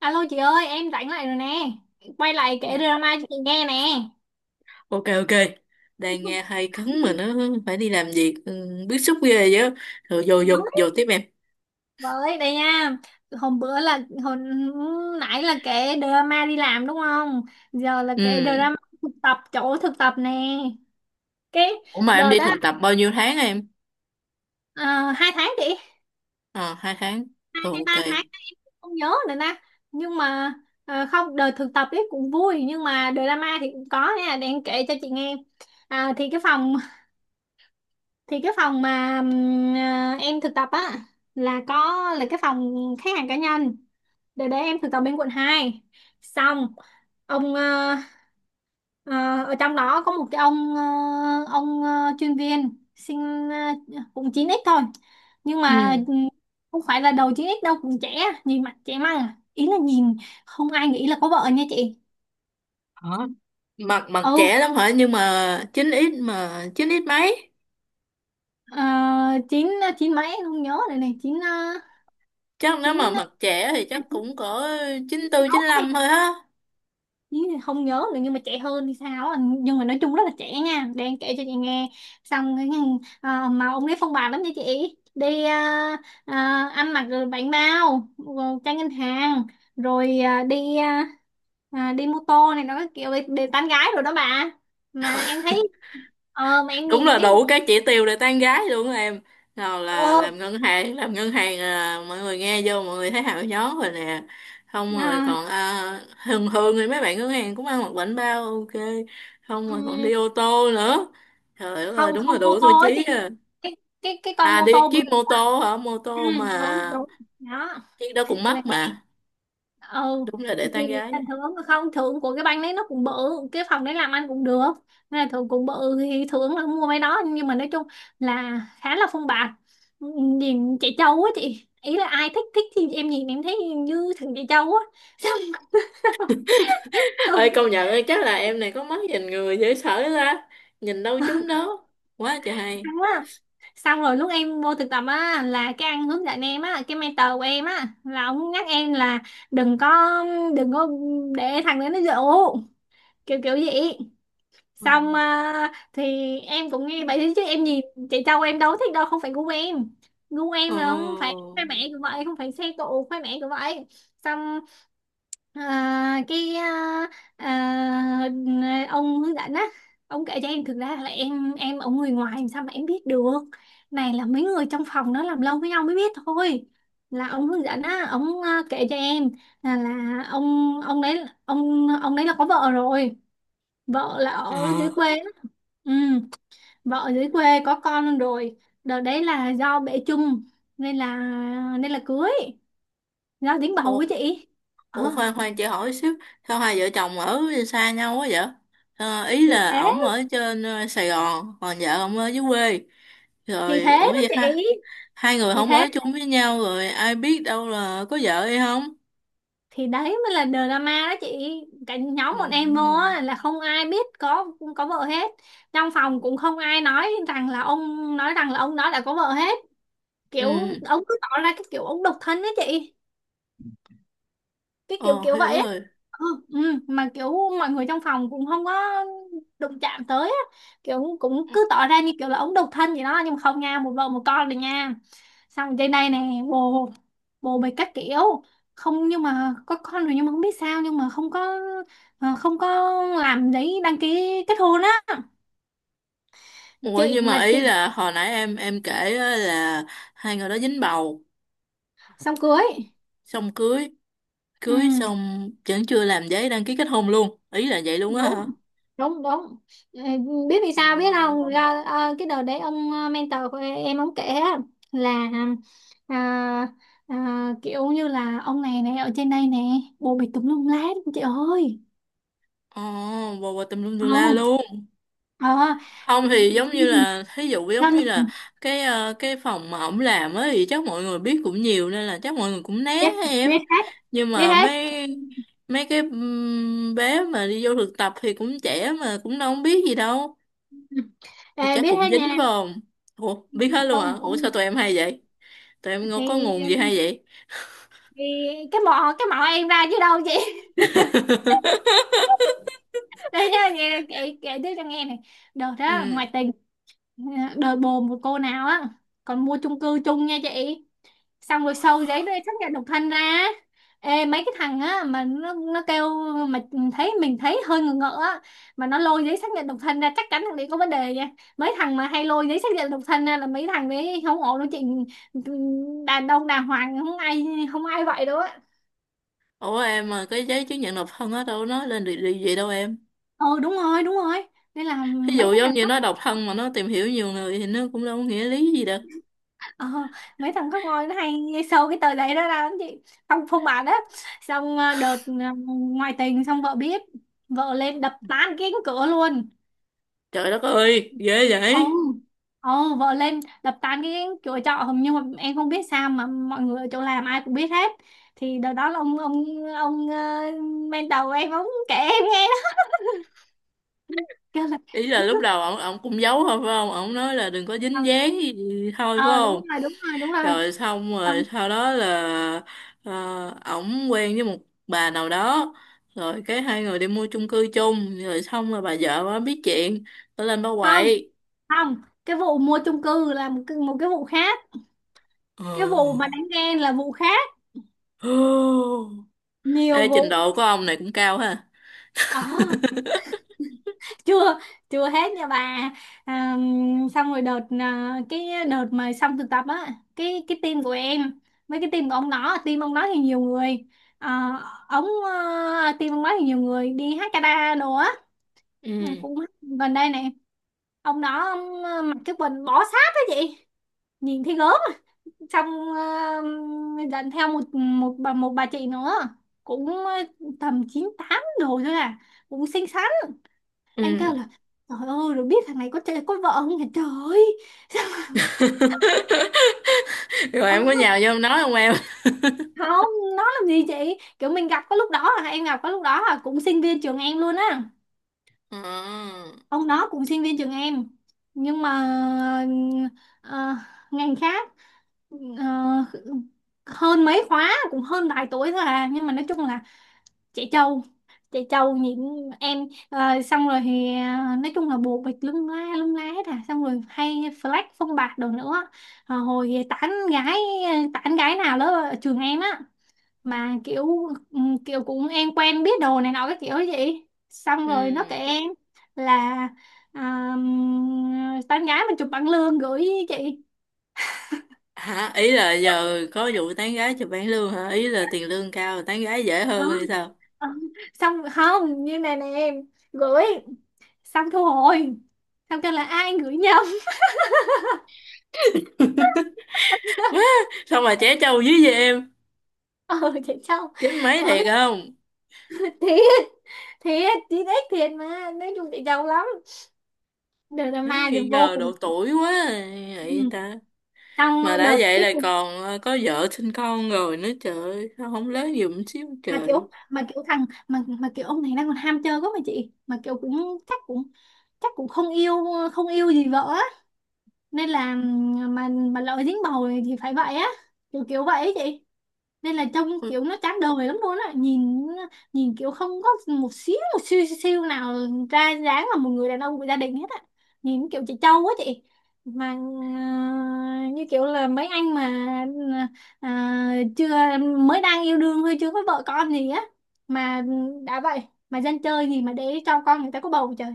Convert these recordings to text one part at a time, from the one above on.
Alo chị ơi, em rảnh lại rồi nè. Quay lại Dạ. kể drama cho chị nghe nè. Ok, ok. Đang nghe hay cấn mà nó phải đi làm việc, bức xúc ghê chứ. Rồi vô vô vô tiếp em. Với đây nha. Hôm bữa là hồi nãy là kể drama đi làm đúng không? Giờ là kể Ừ. drama thực tập chỗ thực tập nè. Cái Ủa mà em đợt đi thực đó tập bao nhiêu tháng em? 2 tháng chị, Ờ, hai tháng. hai Ừ, hay ba ok. tháng không nhớ nữa nè. Nhưng mà à, không đợt thực tập ấy cũng vui nhưng mà drama thì cũng có nha, để em kể cho chị nghe. À, thì cái phòng mà em thực tập á là có là cái phòng khách hàng cá nhân để em thực tập bên quận 2. Xong ông ờ, ở trong đó có một cái ông chuyên viên sinh cũng 9x thôi, nhưng mà Ừ. Không phải là đầu 9x đâu, cũng trẻ, nhìn mặt trẻ măng à. Ý là nhìn không ai nghĩ là có vợ nha chị. Hả? Mặt ừ mặt trẻ lắm hả? Nhưng mà chín ít mấy. ờ, chín chín mấy em không nhớ rồi, này chín Chắc nếu chín mà ờ, mặt trẻ thì chắc chín cũng có chín tư, chín sáu 95 thôi á. Ý là không nhớ nữa, nhưng mà trẻ hơn thì sao á. Nhưng mà nói chung rất là trẻ nha, đang kể cho chị nghe. Xong cái, mà ông ấy phong bạt lắm nha chị, đi ăn mặc rồi bánh bao rồi tranh ngân hàng rồi đi mô tô này, nó kiểu đi, đi tán gái rồi đó bà. Mà em thấy, ờ mà em Đúng nhìn là thấy đủ các chỉ tiêu để tán gái luôn á em, nào là ờ làm ngân hàng, làm ngân hàng, à, mọi người nghe vô mọi người thấy hào gió rồi nè. Không, rồi à, còn à, thường thường thì mấy bạn ngân hàng cũng ăn mặc bảnh bao, ok. Không, rồi còn ừm, đi ô tô nữa, trời ơi không đúng không, là mô đủ tiêu tô á chí chị. à. Cái cái cái con À, mô đi tô chiếc bự bự. mô tô hả? Mô Ừ, tô mà, đúng đúng đó chiếc đó cũng mắc là mà, ừ đúng là để tán thì gái. thành thưởng, không thưởng của cái banh đấy nó cũng bự, cái phòng đấy làm ăn cũng được nên là thưởng cũng bự, thì thưởng là mua mấy đó. Nhưng mà nói chung là khá là phong bạc, nhìn chạy trâu á chị, ý là ai thích thích thì em nhìn em thấy như thằng chạy trâu á. Không. Ơi công nhận, ơi chắc là em này có mắt nhìn người dễ sợ ra, nhìn đâu chúng đó quá trời hay. Xong á, xong rồi lúc em vô thực tập á, là cái anh hướng dẫn em á, cái mentor của em á, là ông nhắc em là đừng có đừng có để thằng đấy nó dụ, kiểu kiểu vậy. Ừ. Xong thì em cũng nghe vậy thôi chứ em gì, chị dâu em đâu có thích đâu, không phải gu em. Gu Ồ. em là không phải khoe mẽ cũng vậy, không phải xe cộ khoe mẽ cũng vậy. Xong à, cái à, à, ông hướng dẫn á, ông kể cho em thực ra là em ở người ngoài làm sao mà em biết được, này là mấy người trong phòng nó làm lâu với nhau mới biết thôi. Là ông hướng dẫn á, ông kể cho em là là ông đấy có vợ rồi, vợ là ở dưới Ờ, quê. Ừ, vợ ở dưới quê có con luôn rồi. Đợt đấy là do bệ chung nên là nên là cưới, do dính bầu ủa, của chị. Ờ ủa, khoan khoan chị hỏi xíu, sao hai vợ chồng ở xa nhau quá vậy? Ờ, ý thì thế, là ổng ở trên Sài Gòn, còn vợ ổng ở dưới quê. thì Rồi, ủa thế đó vậy chị. ha? Hai người Thì không thế, ở chung với nhau rồi, ai biết đâu là có vợ hay không? thì đấy mới là drama đó chị. Cả Ừ, nhóm bọn em vô ừ, á, là không ai biết có vợ hết. Trong phòng cũng không ai nói rằng là ông, nói rằng là ông đó đã có vợ hết. Kiểu ừ. ông cứ tỏ ra cái kiểu ông độc thân đó chị. Cái kiểu Ờ, kiểu hiểu vậy á. rồi. Ừ, ừ, mà kiểu mọi người trong phòng cũng không có đụng chạm tới á. Kiểu cũng cứ tỏ ra như kiểu là ống độc thân vậy đó, nhưng mà không nha, một vợ một con rồi nha. Xong trên đây nè bồ bồ bịch các kiểu. Không nhưng mà có con rồi, nhưng mà không biết sao nhưng mà không có, không có làm giấy đăng ký kết hôn á Ủa chị, nhưng mà mà ý chị. là hồi nãy em kể á là hai người đó dính bầu, Xong cưới. xong cưới, cưới Ừ, xong vẫn chưa làm giấy đăng ký kết hôn luôn. Ý là vậy luôn á đúng hả? đúng đúng. Ờ, biết vì Ờ. sao biết không? Ra- cái đợt đấy ông mentor của em ông kể á, là à, kiểu như là ông này này ở trên đây nè, bồ bịch tùm lum lhết chị ơi. Ồ, bồ bồ tùm lum tùm la Ồ, luôn. ờ Không thì giống như là thí dụ giống do như là nhìn, cái phòng mà ổng làm á, thì chắc mọi người biết cũng nhiều, nên là chắc mọi người cũng né biết á em. biết hết, Nhưng biết mà hết. mấy mấy cái bé mà đi vô thực tập thì cũng trẻ mà cũng đâu biết gì đâu, thì Ờ, chắc biết cũng hết dính nha. phải không? Ủa, biết hết luôn hả? Không Ủa không, sao tụi em hay vậy? Tụi em có thì nguồn gì hay vậy? thì cái mỏ em ra chứ đâu chị. Đây nha chị, kể kể tiếp cho nghe này. Đợt đó Ừ. ngoại tình đời bồ một cô nào á, còn mua chung cư chung nha chị. Xong rồi sâu giấy đây xác nhận độc thân ra. Ê mấy cái thằng á, mà nó kêu mà thấy mình thấy hơi ngờ ngợ á, mà nó lôi giấy xác nhận độc thân ra chắc chắn thằng đấy có vấn đề nha. Mấy thằng mà hay lôi giấy xác nhận độc thân ra là mấy thằng đấy không ổn đâu chị, đàn ông đàng hoàng không ai không ai vậy đâu á. Ủa em, mà cái giấy chứng nhận độc thân á đâu nói lên được điều gì đâu em? Ờ đúng rồi đúng rồi, nên là Ví mấy dụ cái giống thằng. như nó độc thân mà nó tìm hiểu nhiều người thì nó cũng đâu có nghĩa lý gì đâu. Ờ, mấy thằng khóc ngôi nó hay nghe sâu cái tờ giấy đó ra lắm chị, phong phong bà đó. Xong ngoại tình xong vợ biết, vợ lên đập tan cái cánh cửa luôn. Trời đất ơi ghê Ồ, vậy. ồ vợ lên đập tan cái cánh cửa trọ hồng, nhưng mà em không biết sao mà mọi người ở chỗ làm ai cũng biết hết. Thì đợt đó là ông mentor em ông kể em nghe đó, kêu là. Ý là lúc đầu ổng ổng cũng giấu thôi phải không? Ổng nói là đừng có Ờ, dính dáng gì thôi phải ờ, đúng không? rồi đúng rồi đúng rồi. Rồi xong rồi Không sau đó là ờ, ổng quen với một bà nào đó, rồi cái hai người đi mua chung cư chung, rồi xong rồi bà vợ bà biết chuyện, bà lên bà không quậy. không, cái vụ mua chung cư là một cái vụ khác. Ờ. Cái vụ mà đánh ghen là vụ khác, nhiều Ê, trình vụ. độ của ông này cũng cao ha. Ờ, chưa chưa hết nha bà. à, Xong rồi đợt cái đợt mà xong thực tập á, cái team của em với cái team của ông đó, team ông đó thì nhiều người, à, team ông đó thì nhiều người đi hát karaoke đồ á, Ừ, cũng gần đây này. Ông đó ông, mặc cái quần bó sát á chị, nhìn thấy gớm. Trong ờ, dẫn theo một một bà chị nữa, cũng tầm 98 rồi thôi à, cũng xinh xắn. Em ừ. kêu là trời ơi, rồi biết thằng này có chơi có vợ không nhỉ, trời ơi. Rồi Ờ, em có nhào vô em nói không em, không, nó làm gì chị, kiểu mình gặp có lúc đó là em gặp có lúc đó là cũng sinh viên trường em luôn á. à, Ông đó cũng sinh viên trường em, nhưng mà ờ, ngành khác, ờ, hơn mấy khóa, cũng hơn vài tuổi thôi à. Nhưng mà nói chung là chạy trâu, chạy trâu những em. Ờ, xong rồi thì ờ, nói chung là bộ bịch lung la lung lá hết à, xong rồi hay flex phong bạc đồ nữa. Ờ, hồi tán gái, tán gái nào đó ở trường em á, mà kiểu kiểu cũng em quen biết đồ này nọ cái kiểu gì, xong rồi nó ừ. kể em là ờ, tán gái mình chụp bằng lương gửi chị. Hả? Ý là giờ có vụ tán gái chụp bảng lương hả? Ý là tiền lương cao tán gái dễ Đó. hơn hay sao? Ờ, xong không như này nè em, gửi xong thu hồi, xong kêu là ai gửi nhầm. Quá. Xong mà trẻ trâu dưới vậy em, Ờ chị Châu, chín mấy bỏ, thiệt không? thiệt thiệt chị, thích thiệt. Mà nói chung chị Châu lắm, đợt là Má ma thì nghi vô ngờ độ cùng. tuổi quá à, vậy Ừ. ta. Mà Xong đã đợt vậy cái là cùng, còn có vợ sinh con rồi nữa, trời ơi sao không lớn giùm xíu mà trời. kiểu ông này đang còn ham chơi quá mà chị, mà kiểu cũng chắc cũng không yêu, không yêu gì vợ á, nên là mà lỡ dính bầu thì phải vậy á, kiểu kiểu vậy ấy chị. Nên là trông kiểu nó chán đời lắm luôn á, nhìn nhìn kiểu không có một xíu xíu nào ra dáng là một người đàn ông của gia đình hết á. Nhìn kiểu chị Châu quá chị, mà như kiểu là mấy anh mà chưa mới đang yêu đương thôi, chưa có vợ con gì á. Mà đã vậy, mà dân chơi gì mà để cho con người ta có bầu, trời.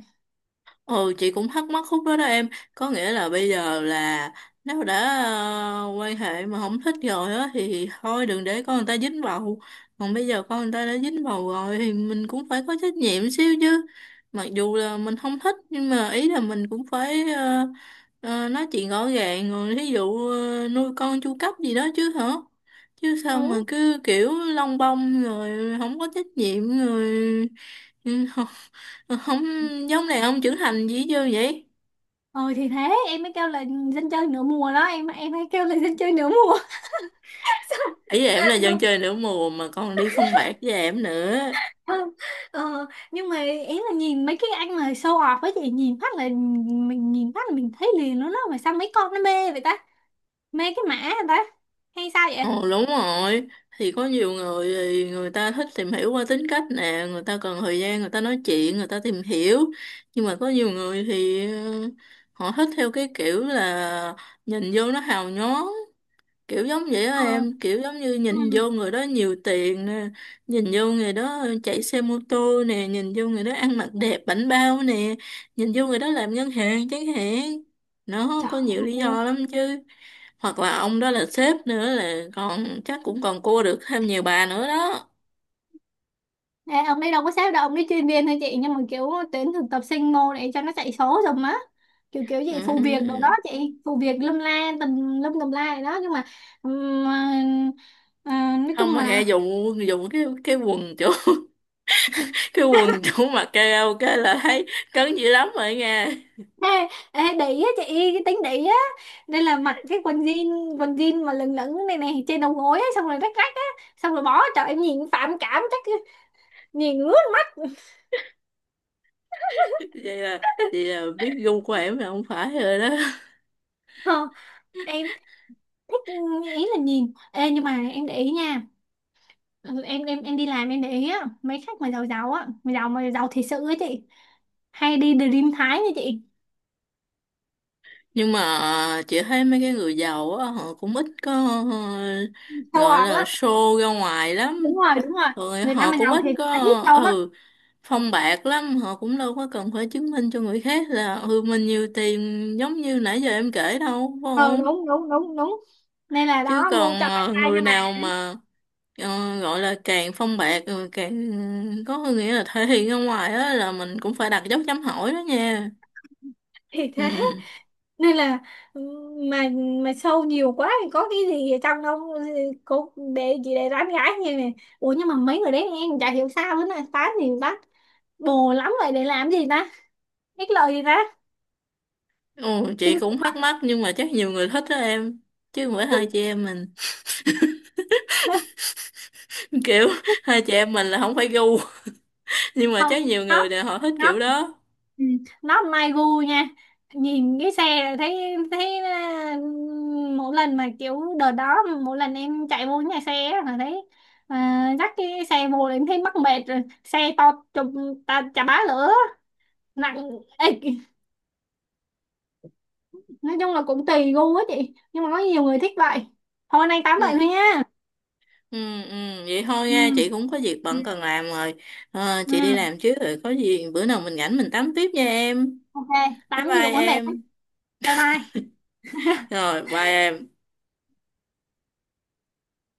Ừ, chị cũng thắc mắc khúc đó đó em. Có nghĩa là bây giờ là nếu đã quan hệ mà không thích rồi á thì thôi đừng để con người ta dính vào. Còn bây giờ con người ta đã dính vào rồi thì mình cũng phải có trách nhiệm xíu chứ. Mặc dù là mình không thích, nhưng mà ý là mình cũng phải nói chuyện rõ ràng. Rồi thí dụ nuôi con chu cấp gì đó chứ hả. Chứ sao mà Ừ cứ kiểu lông bông, rồi không có trách nhiệm, rồi ừ, Ờ, không giống này, ông trưởng thành gì chưa vậy. ờ thì thế em mới kêu là dân chơi nửa mùa đó, em mới kêu là dân chơi nửa mùa. Ý em là dân Xong. chơi nửa mùa mà còn đi phong bạc với em nữa. Không, ờ, nhưng mà ý là nhìn mấy cái anh mà show off với chị, nhìn phát là mình nhìn phát là mình thấy liền luôn đó, mà sao mấy con nó mê vậy ta, mê cái mã vậy ta, hay sao vậy. Ồ đúng rồi. Thì có nhiều người thì người ta thích tìm hiểu qua tính cách nè, người ta cần thời gian, người ta nói chuyện người ta tìm hiểu. Nhưng mà có nhiều người thì họ thích theo cái kiểu là nhìn vô nó hào nhoáng. Kiểu giống vậy á Ờ, em, kiểu giống như nhìn ừ. vô người đó nhiều tiền nè, nhìn vô người đó chạy xe mô tô nè, nhìn vô người đó ăn mặc đẹp bảnh bao nè, nhìn vô người đó làm ngân hàng chẳng hạn. Nó Trời có nhiều lý ơi. do lắm chứ, hoặc là ông đó là sếp nữa là còn chắc cũng còn cua được thêm nhiều bà nữa đó. Ê, ông ấy đâu có sếp đâu, ông ấy chuyên viên thôi chị, nhưng mà kiểu tuyển thực tập sinh mô để cho nó chạy số rồi á, kiểu kiểu gì phụ việc đồ đó Ừ. chị, phụ việc lâm la tùm lum tùm la gì đó, nhưng mà ừm, ờ, ờ, nói Không chung mà nghe là. dùng dùng cái quần chỗ cái quần chỗ mặc karaoke là thấy cấn dữ lắm rồi nghe. Ê, ê, để ý á chị, cái tính để ý á, nên là mặc cái quần jean, quần jean mà lửng lửng này này trên đầu gối á, xong rồi rách rách á, xong rồi bỏ trời em nhìn phản cảm chắc, nhìn ướt mắt. vậy là vậy là biết gu của em là không phải rồi đó. Ờ, em thích, ý là nhìn ê, nhưng mà em để ý nha. Ừ, em đi làm em để ý á, mấy khách mà giàu giàu á, mà giàu thiệt sự á chị, hay đi Dream Thái nha chị, Nhưng mà chị thấy mấy cái người giàu á, họ cũng ít có ờ, sâu gọi ọt là lắm. show ra ngoài Đúng lắm. rồi đúng rồi, Rồi người Nam họ mà cũng giàu ít thiệt có là ít sâu lắm. ừ phong bạc lắm, họ cũng đâu có cần phải chứng minh cho người khác là mình nhiều tiền giống như nãy giờ em kể đâu, phải Ờ không? đúng đúng đúng đúng, nên là Chứ đó còn ngu cho bạn trai người nha mà. nào mà gọi là càng phong bạc rồi càng có nghĩa là thể hiện ra ngoài á là mình cũng phải đặt dấu chấm hỏi đó nha. Thì Ừ. thế, nên là ừ, mà mà sâu nhiều quá thì có cái gì ở trong đâu, cô để chị để tán gái như này. Ủa nhưng mà mấy người đấy em chả hiểu sao nữa, là tán thì tán, bồ lắm vậy để làm gì ta, ích lợi gì ta, Ồ, chị chinh cũng phục thắc à? mắc, nhưng mà chắc nhiều người thích đó em, chứ mỗi hai chị em mình kiểu hai chị em mình là không phải gu. Nhưng mà Không, chắc nhiều người nó là họ thích kiểu nó đó. ừ, nó mai gu nha, nhìn cái xe thấy thấy, mỗi lần mà kiểu đợt đó, mỗi lần em chạy vô nhà xe á, là thấy, dắt cái xe vô là em thấy mắc mệt rồi, xe to chùm ta chà bá lửa, nặng. Ê, nói chung là cũng tùy gu á chị, nhưng mà có nhiều người thích vậy. Thôi nay tám vậy Ừ. thôi nha. Ừ, ừ, vậy thôi Ừ nha, chị cũng có việc ừ bận cần làm rồi. Ờ, chị đi ừ, làm trước, rồi có gì bữa nào mình rảnh mình tám tiếp nha em. ok. Bye Tám gì bye cũng có mệt lắm. em. Bye bye. Rồi bye em.